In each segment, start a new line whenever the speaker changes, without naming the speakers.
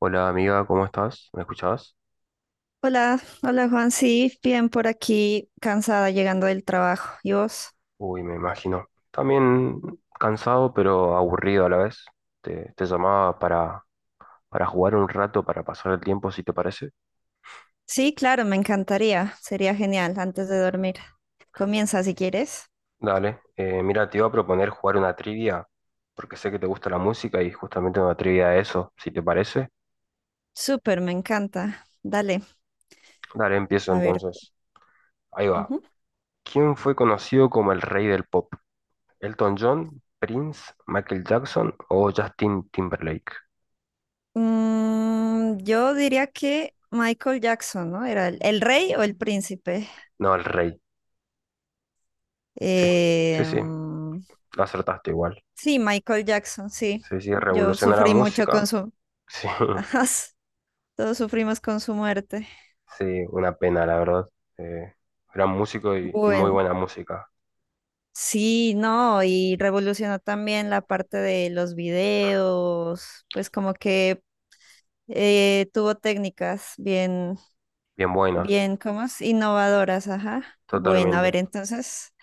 Hola amiga, ¿cómo estás? ¿Me escuchabas?
Hola, hola Juan, sí, bien por aquí, cansada llegando del trabajo. ¿Y vos?
Uy, me imagino. También cansado, pero aburrido a la vez. Te llamaba para jugar un rato, para pasar el tiempo, si te parece.
Sí, claro, me encantaría, sería genial antes de dormir. Comienza si quieres.
Dale. Mira, te iba a proponer jugar una trivia, porque sé que te gusta la música y justamente una trivia de eso, si te parece.
Súper, me encanta. Dale,
Dale, empiezo
a ver.
entonces. Ahí va.
Ujú.
¿Quién fue conocido como el rey del pop? ¿Elton John, Prince, Michael Jackson o Justin Timberlake?
Mm, yo diría que Michael Jackson, ¿no? ¿Era el rey o el príncipe?
No, el rey. Sí, sí, sí,
Mm,
lo acertaste igual.
sí, Michael Jackson, sí.
Sí, sí,
Yo
revolucionó la
sufrí mucho
música.
con su.
Sí,
Ajá, todos sufrimos con su muerte.
sí, una pena, la verdad. Eh, Gran músico y muy
Bueno.
buena música.
Sí, no, y revolucionó también la parte de los videos, pues como que tuvo técnicas bien,
Bien buenos,
bien, ¿cómo es? Innovadoras, ajá. Bueno, a ver,
totalmente.
entonces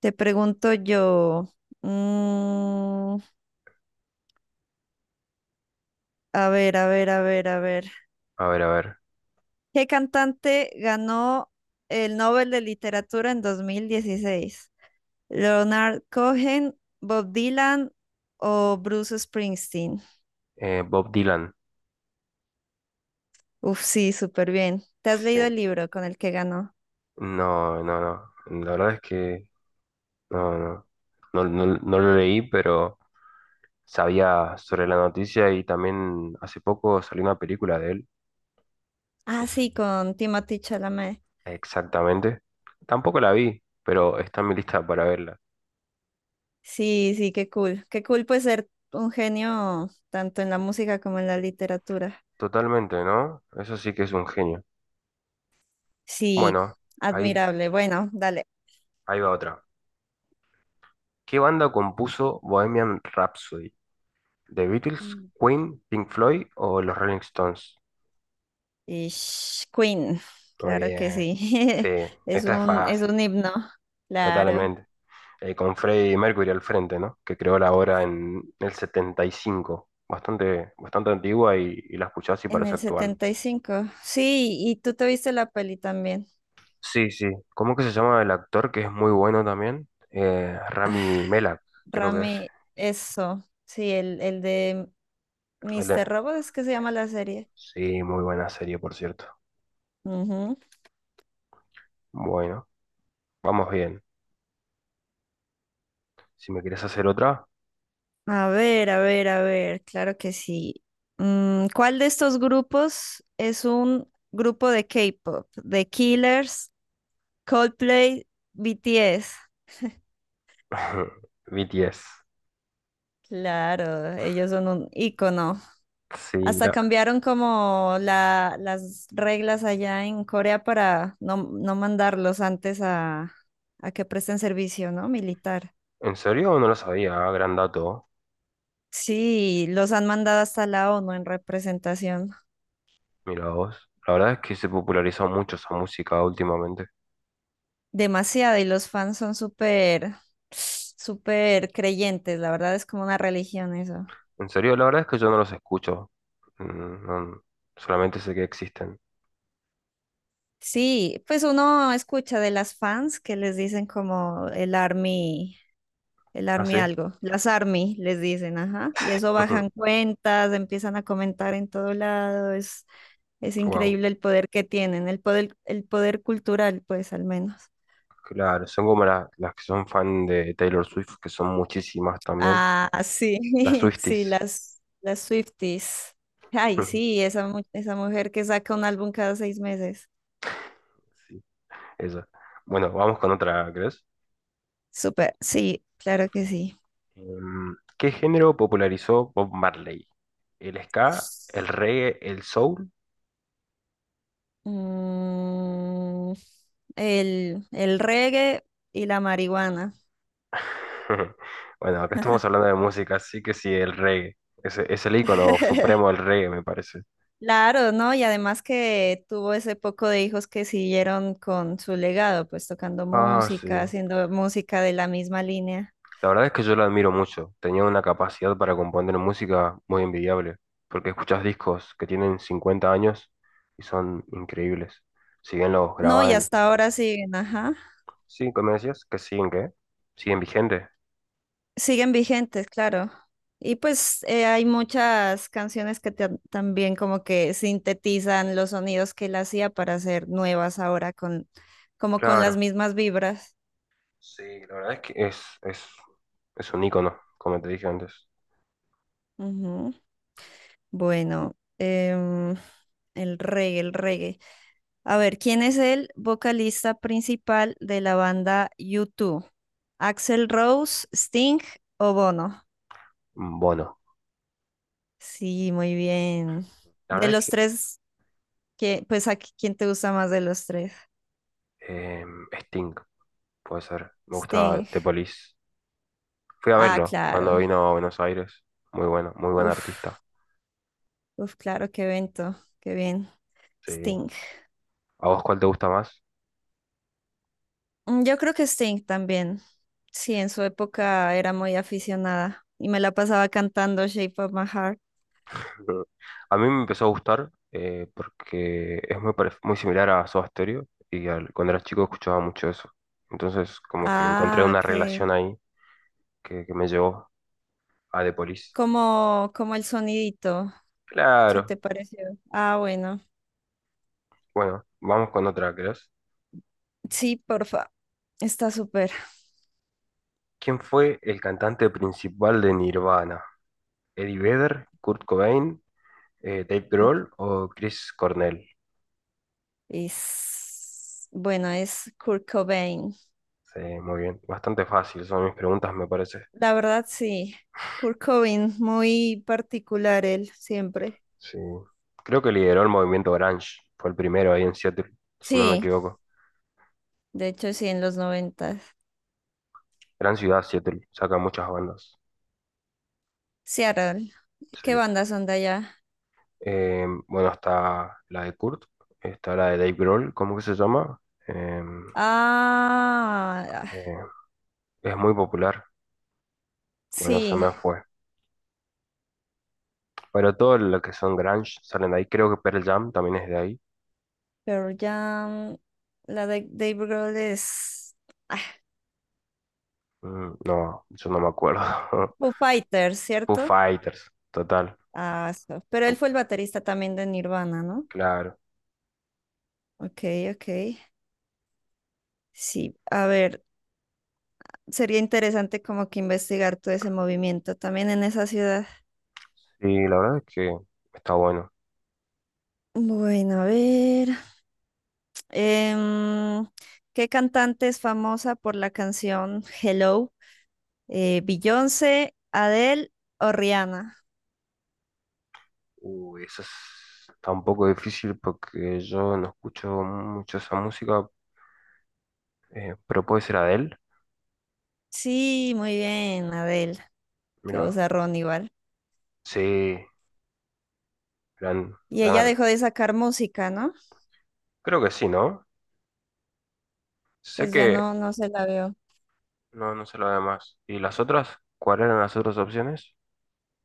te pregunto yo, mm, a ver, a ver, a ver, a ver,
A ver, a ver.
¿qué cantante ganó el Nobel de Literatura en 2016? ¿Leonard Cohen, Bob Dylan o Bruce Springsteen?
Bob Dylan.
Uf, sí, súper bien. ¿Te has
Sí.
leído el libro con el que ganó?
No. La verdad es que no, no. No, no lo leí, pero sabía sobre la noticia y también hace poco salió una película de él. No
Ah,
sé
sí, con Timothée Chalamet.
exactamente. Tampoco la vi, pero está en mi lista para verla.
Sí, sí, qué cool. Qué cool pues ser un genio tanto en la música como en la literatura.
Totalmente, ¿no? Eso sí que es un genio.
Sí,
Bueno, ahí,
admirable. Bueno, dale.
ahí va otra. ¿Qué banda compuso Bohemian Rhapsody? ¿The Beatles,
Mm.
Queen, Pink Floyd o los Rolling Stones?
Ish, Queen,
Muy
claro que
bien.
sí.
Sí,
Es
esta es
un, es
fácil,
un himno, claro.
totalmente. Con Freddie Mercury al frente, ¿no? Que creó la obra en el 75. Bastante, bastante antigua y la escuchás y
En
parece
el
actual.
75. Sí, y tú te viste la peli también.
Sí, sí. ¿Cómo que se llama el actor que es muy bueno también? Rami Malek, creo que es.
Rami, eso, sí, el de
El de-
Mr. Robot es que se llama la serie.
Sí, muy buena serie, por cierto.
Ujú.
Bueno. Vamos bien. Si me querés hacer otra...
A ver, a ver, a ver, claro que sí. Mm, ¿cuál de estos grupos es un grupo de K-pop? ¿The Killers, Coldplay, BTS?
BTS.
Claro, ellos son un ícono.
Sí,
Hasta cambiaron como las reglas allá en Corea para no, no mandarlos antes a que presten servicio, ¿no? Militar.
¿En serio? No lo sabía. Gran dato.
Sí, los han mandado hasta la ONU en representación.
Mira vos. La verdad es que se popularizó mucho esa música últimamente.
Demasiado, y los fans son súper, súper creyentes, la verdad es como una religión eso.
En serio, la verdad es que yo no los escucho. Mm, no- solamente sé que existen.
Sí, pues uno escucha de las fans que les dicen como el
¿Ah,
army
sí?
algo, las army les dicen, ajá, y eso bajan
Ujú.
cuentas, empiezan a comentar en todo lado, es
Wow.
increíble el poder que tienen, el poder cultural, pues al menos.
Claro, son como las que son fan de Taylor Swift, que son muchísimas también.
Ah, sí,
Las
sí,
Swifties.
las Swifties. Ay, sí, esa mujer que saca un álbum cada 6 meses.
Sí, esa. Bueno, vamos con otra, ¿crees?
Súper, sí, claro que sí.
¿Qué género popularizó Bob Marley? ¿El ska, el reggae, el soul?
Mm, el reggae y la marihuana.
Bueno, acá estamos hablando de música, así que sí, el reggae. Es el ícono supremo del reggae, me parece.
Claro, ¿no? Y además que tuvo ese poco de hijos que siguieron con su legado, pues tocando
Ah, sí.
música, haciendo música de la misma línea.
La verdad es que yo lo admiro mucho. Tenía una capacidad para componer música muy envidiable, porque escuchas discos que tienen 50 años y son increíbles. Si bien los
No, y
graban,
hasta ahora siguen, ajá.
sí, ¿cómo decías? Que siguen, ¿qué? Siguen vigentes.
Siguen vigentes, claro. Y pues hay muchas canciones que también como que sintetizan los sonidos que él hacía para hacer nuevas ahora con como con las
Claro.
mismas vibras.
Sí, la verdad es que es un ícono, como te dije antes.
Ujú. Bueno, el reggae, el reggae. A ver, ¿quién es el vocalista principal de la banda U2? ¿Axel Rose, Sting o Bono?
Un bono.
Sí, muy bien.
La
De
verdad es
los
que
tres, ¿ pues quién te gusta más de los tres?
eh, Sting, puede ser. Me gusta
Sting.
The Police. Fui a
Ah,
verlo cuando
claro.
vino a Buenos Aires. Muy bueno, muy buen artista.
Uf, uf, claro, qué evento. Qué bien.
Sí.
Sting.
¿A vos cuál te gusta más?
Mm, yo creo que Sting también. Sí, en su época era muy aficionada y me la pasaba cantando Shape of My Heart.
A mí me empezó a gustar porque es muy, muy similar a Soda Stereo y cuando era chico escuchaba mucho eso. Entonces, como que encontré
Ah,
una
ok.
relación ahí que me llevó a The Police.
Como el sonidito. ¿Se
Claro.
te pareció? Ah, bueno.
Bueno, vamos con otra, ¿crees?
Sí, porfa. Está súper.
¿Quién fue el cantante principal de Nirvana? ¿Eddie Vedder, Kurt Cobain, Dave Grohl o Chris Cornell?
Bueno, es Kurt Cobain.
Sí, muy bien. Bastante fácil son mis preguntas, me parece.
La verdad, sí. Kurt Cobain, muy particular él, siempre.
Sí. Creo que lideró el movimiento grunge. Fue el primero ahí en Seattle, si no me
Sí,
equivoco.
de hecho, sí, en los noventas
Gran ciudad, Seattle. Saca muchas bandas.
Seattle. ¿Qué
Sí.
bandas son de allá?
Bueno, está la de Kurt. Está la de Dave Grohl. ¿Cómo que se llama? Em,
Ah, ah,
eh, es muy popular. Bueno, se
sí,
me fue. Pero todo lo que son grunge salen de ahí. Creo que Pearl Jam también es de ahí.
pero ya. La de Dave Grohl es ah,
Mm, no, yo no me acuerdo.
Foo Fighters,
Foo
¿cierto?
Fighters, total.
Ah, pero él fue el baterista también de Nirvana, ¿no?
Claro.
Ok, ok. Sí, a ver, sería interesante como que investigar todo ese movimiento también en esa ciudad.
Sí, la verdad es que está bueno.
Bueno, a ver. em, ¿Qué cantante es famosa por la canción Hello? ¿Beyoncé, Adele o Rihanna?
Uy, está un poco difícil porque yo no escucho mucho esa música, pero puede ser Adele.
Sí, muy bien, Adele, que
Mira,
vozarrón igual.
sí, gran,
Y
gran
ella
ar-
dejó de sacar música, ¿no?
Creo que sí, ¿no? Sé
Pues
que
ya no, no se la veo.
no, no sé lo demás. ¿Y las otras? ¿Cuáles eran las otras opciones?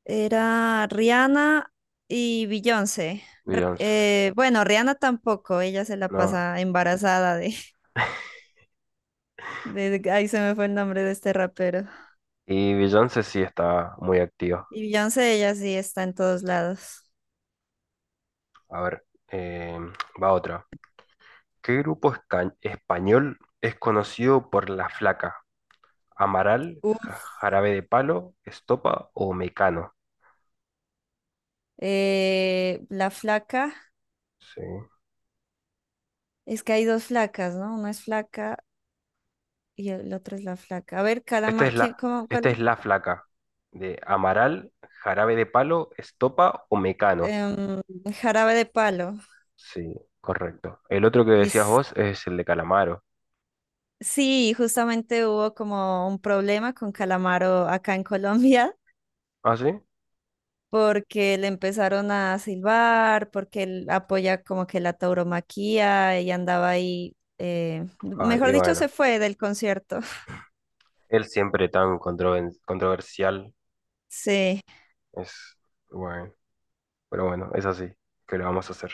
Era Rihanna y Beyoncé.
Beyoncé.
Bueno, Rihanna tampoco, ella se la
No.
pasa embarazada de, Ahí se me fue el nombre de este rapero.
Y Beyoncé sí está muy activa.
Y Beyoncé, ella sí está en todos lados.
A ver, va otra. ¿Qué grupo español es conocido por La Flaca? ¿Amaral,
Uf,
Jarabe de Palo, Estopa o Mecano?
La flaca,
Sí.
es que hay dos flacas, ¿no? Una es flaca y el otro es la flaca. A ver,
Esta
caramba,
es
¿quién, cómo, cuál?
esta es La Flaca. De Amaral, Jarabe de Palo, Estopa o Mecano.
Em, Jarabe de Palo.
Sí, correcto. El otro que
Y
decías vos es el de Calamaro.
sí, justamente hubo como un problema con Calamaro acá en Colombia.
¿Ah, sí?
Porque le empezaron a silbar, porque él apoya como que la tauromaquia y andaba ahí,
Ah, y
mejor dicho,
bueno.
se fue del concierto.
Él siempre tan controversial.
Sí,
Es, bueno. Pero bueno, es así. ¿Qué le vamos a hacer?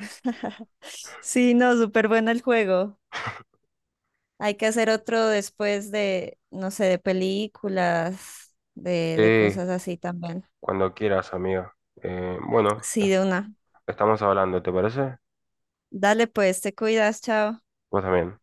sí, no, súper bueno el juego. Hay que hacer otro después de, no sé, de películas, de
Sí,
cosas así también.
cuando quieras, amiga. Bueno,
Sí, de una.
estamos hablando, ¿te parece?
Dale pues, te cuidas, chao.
Vos también.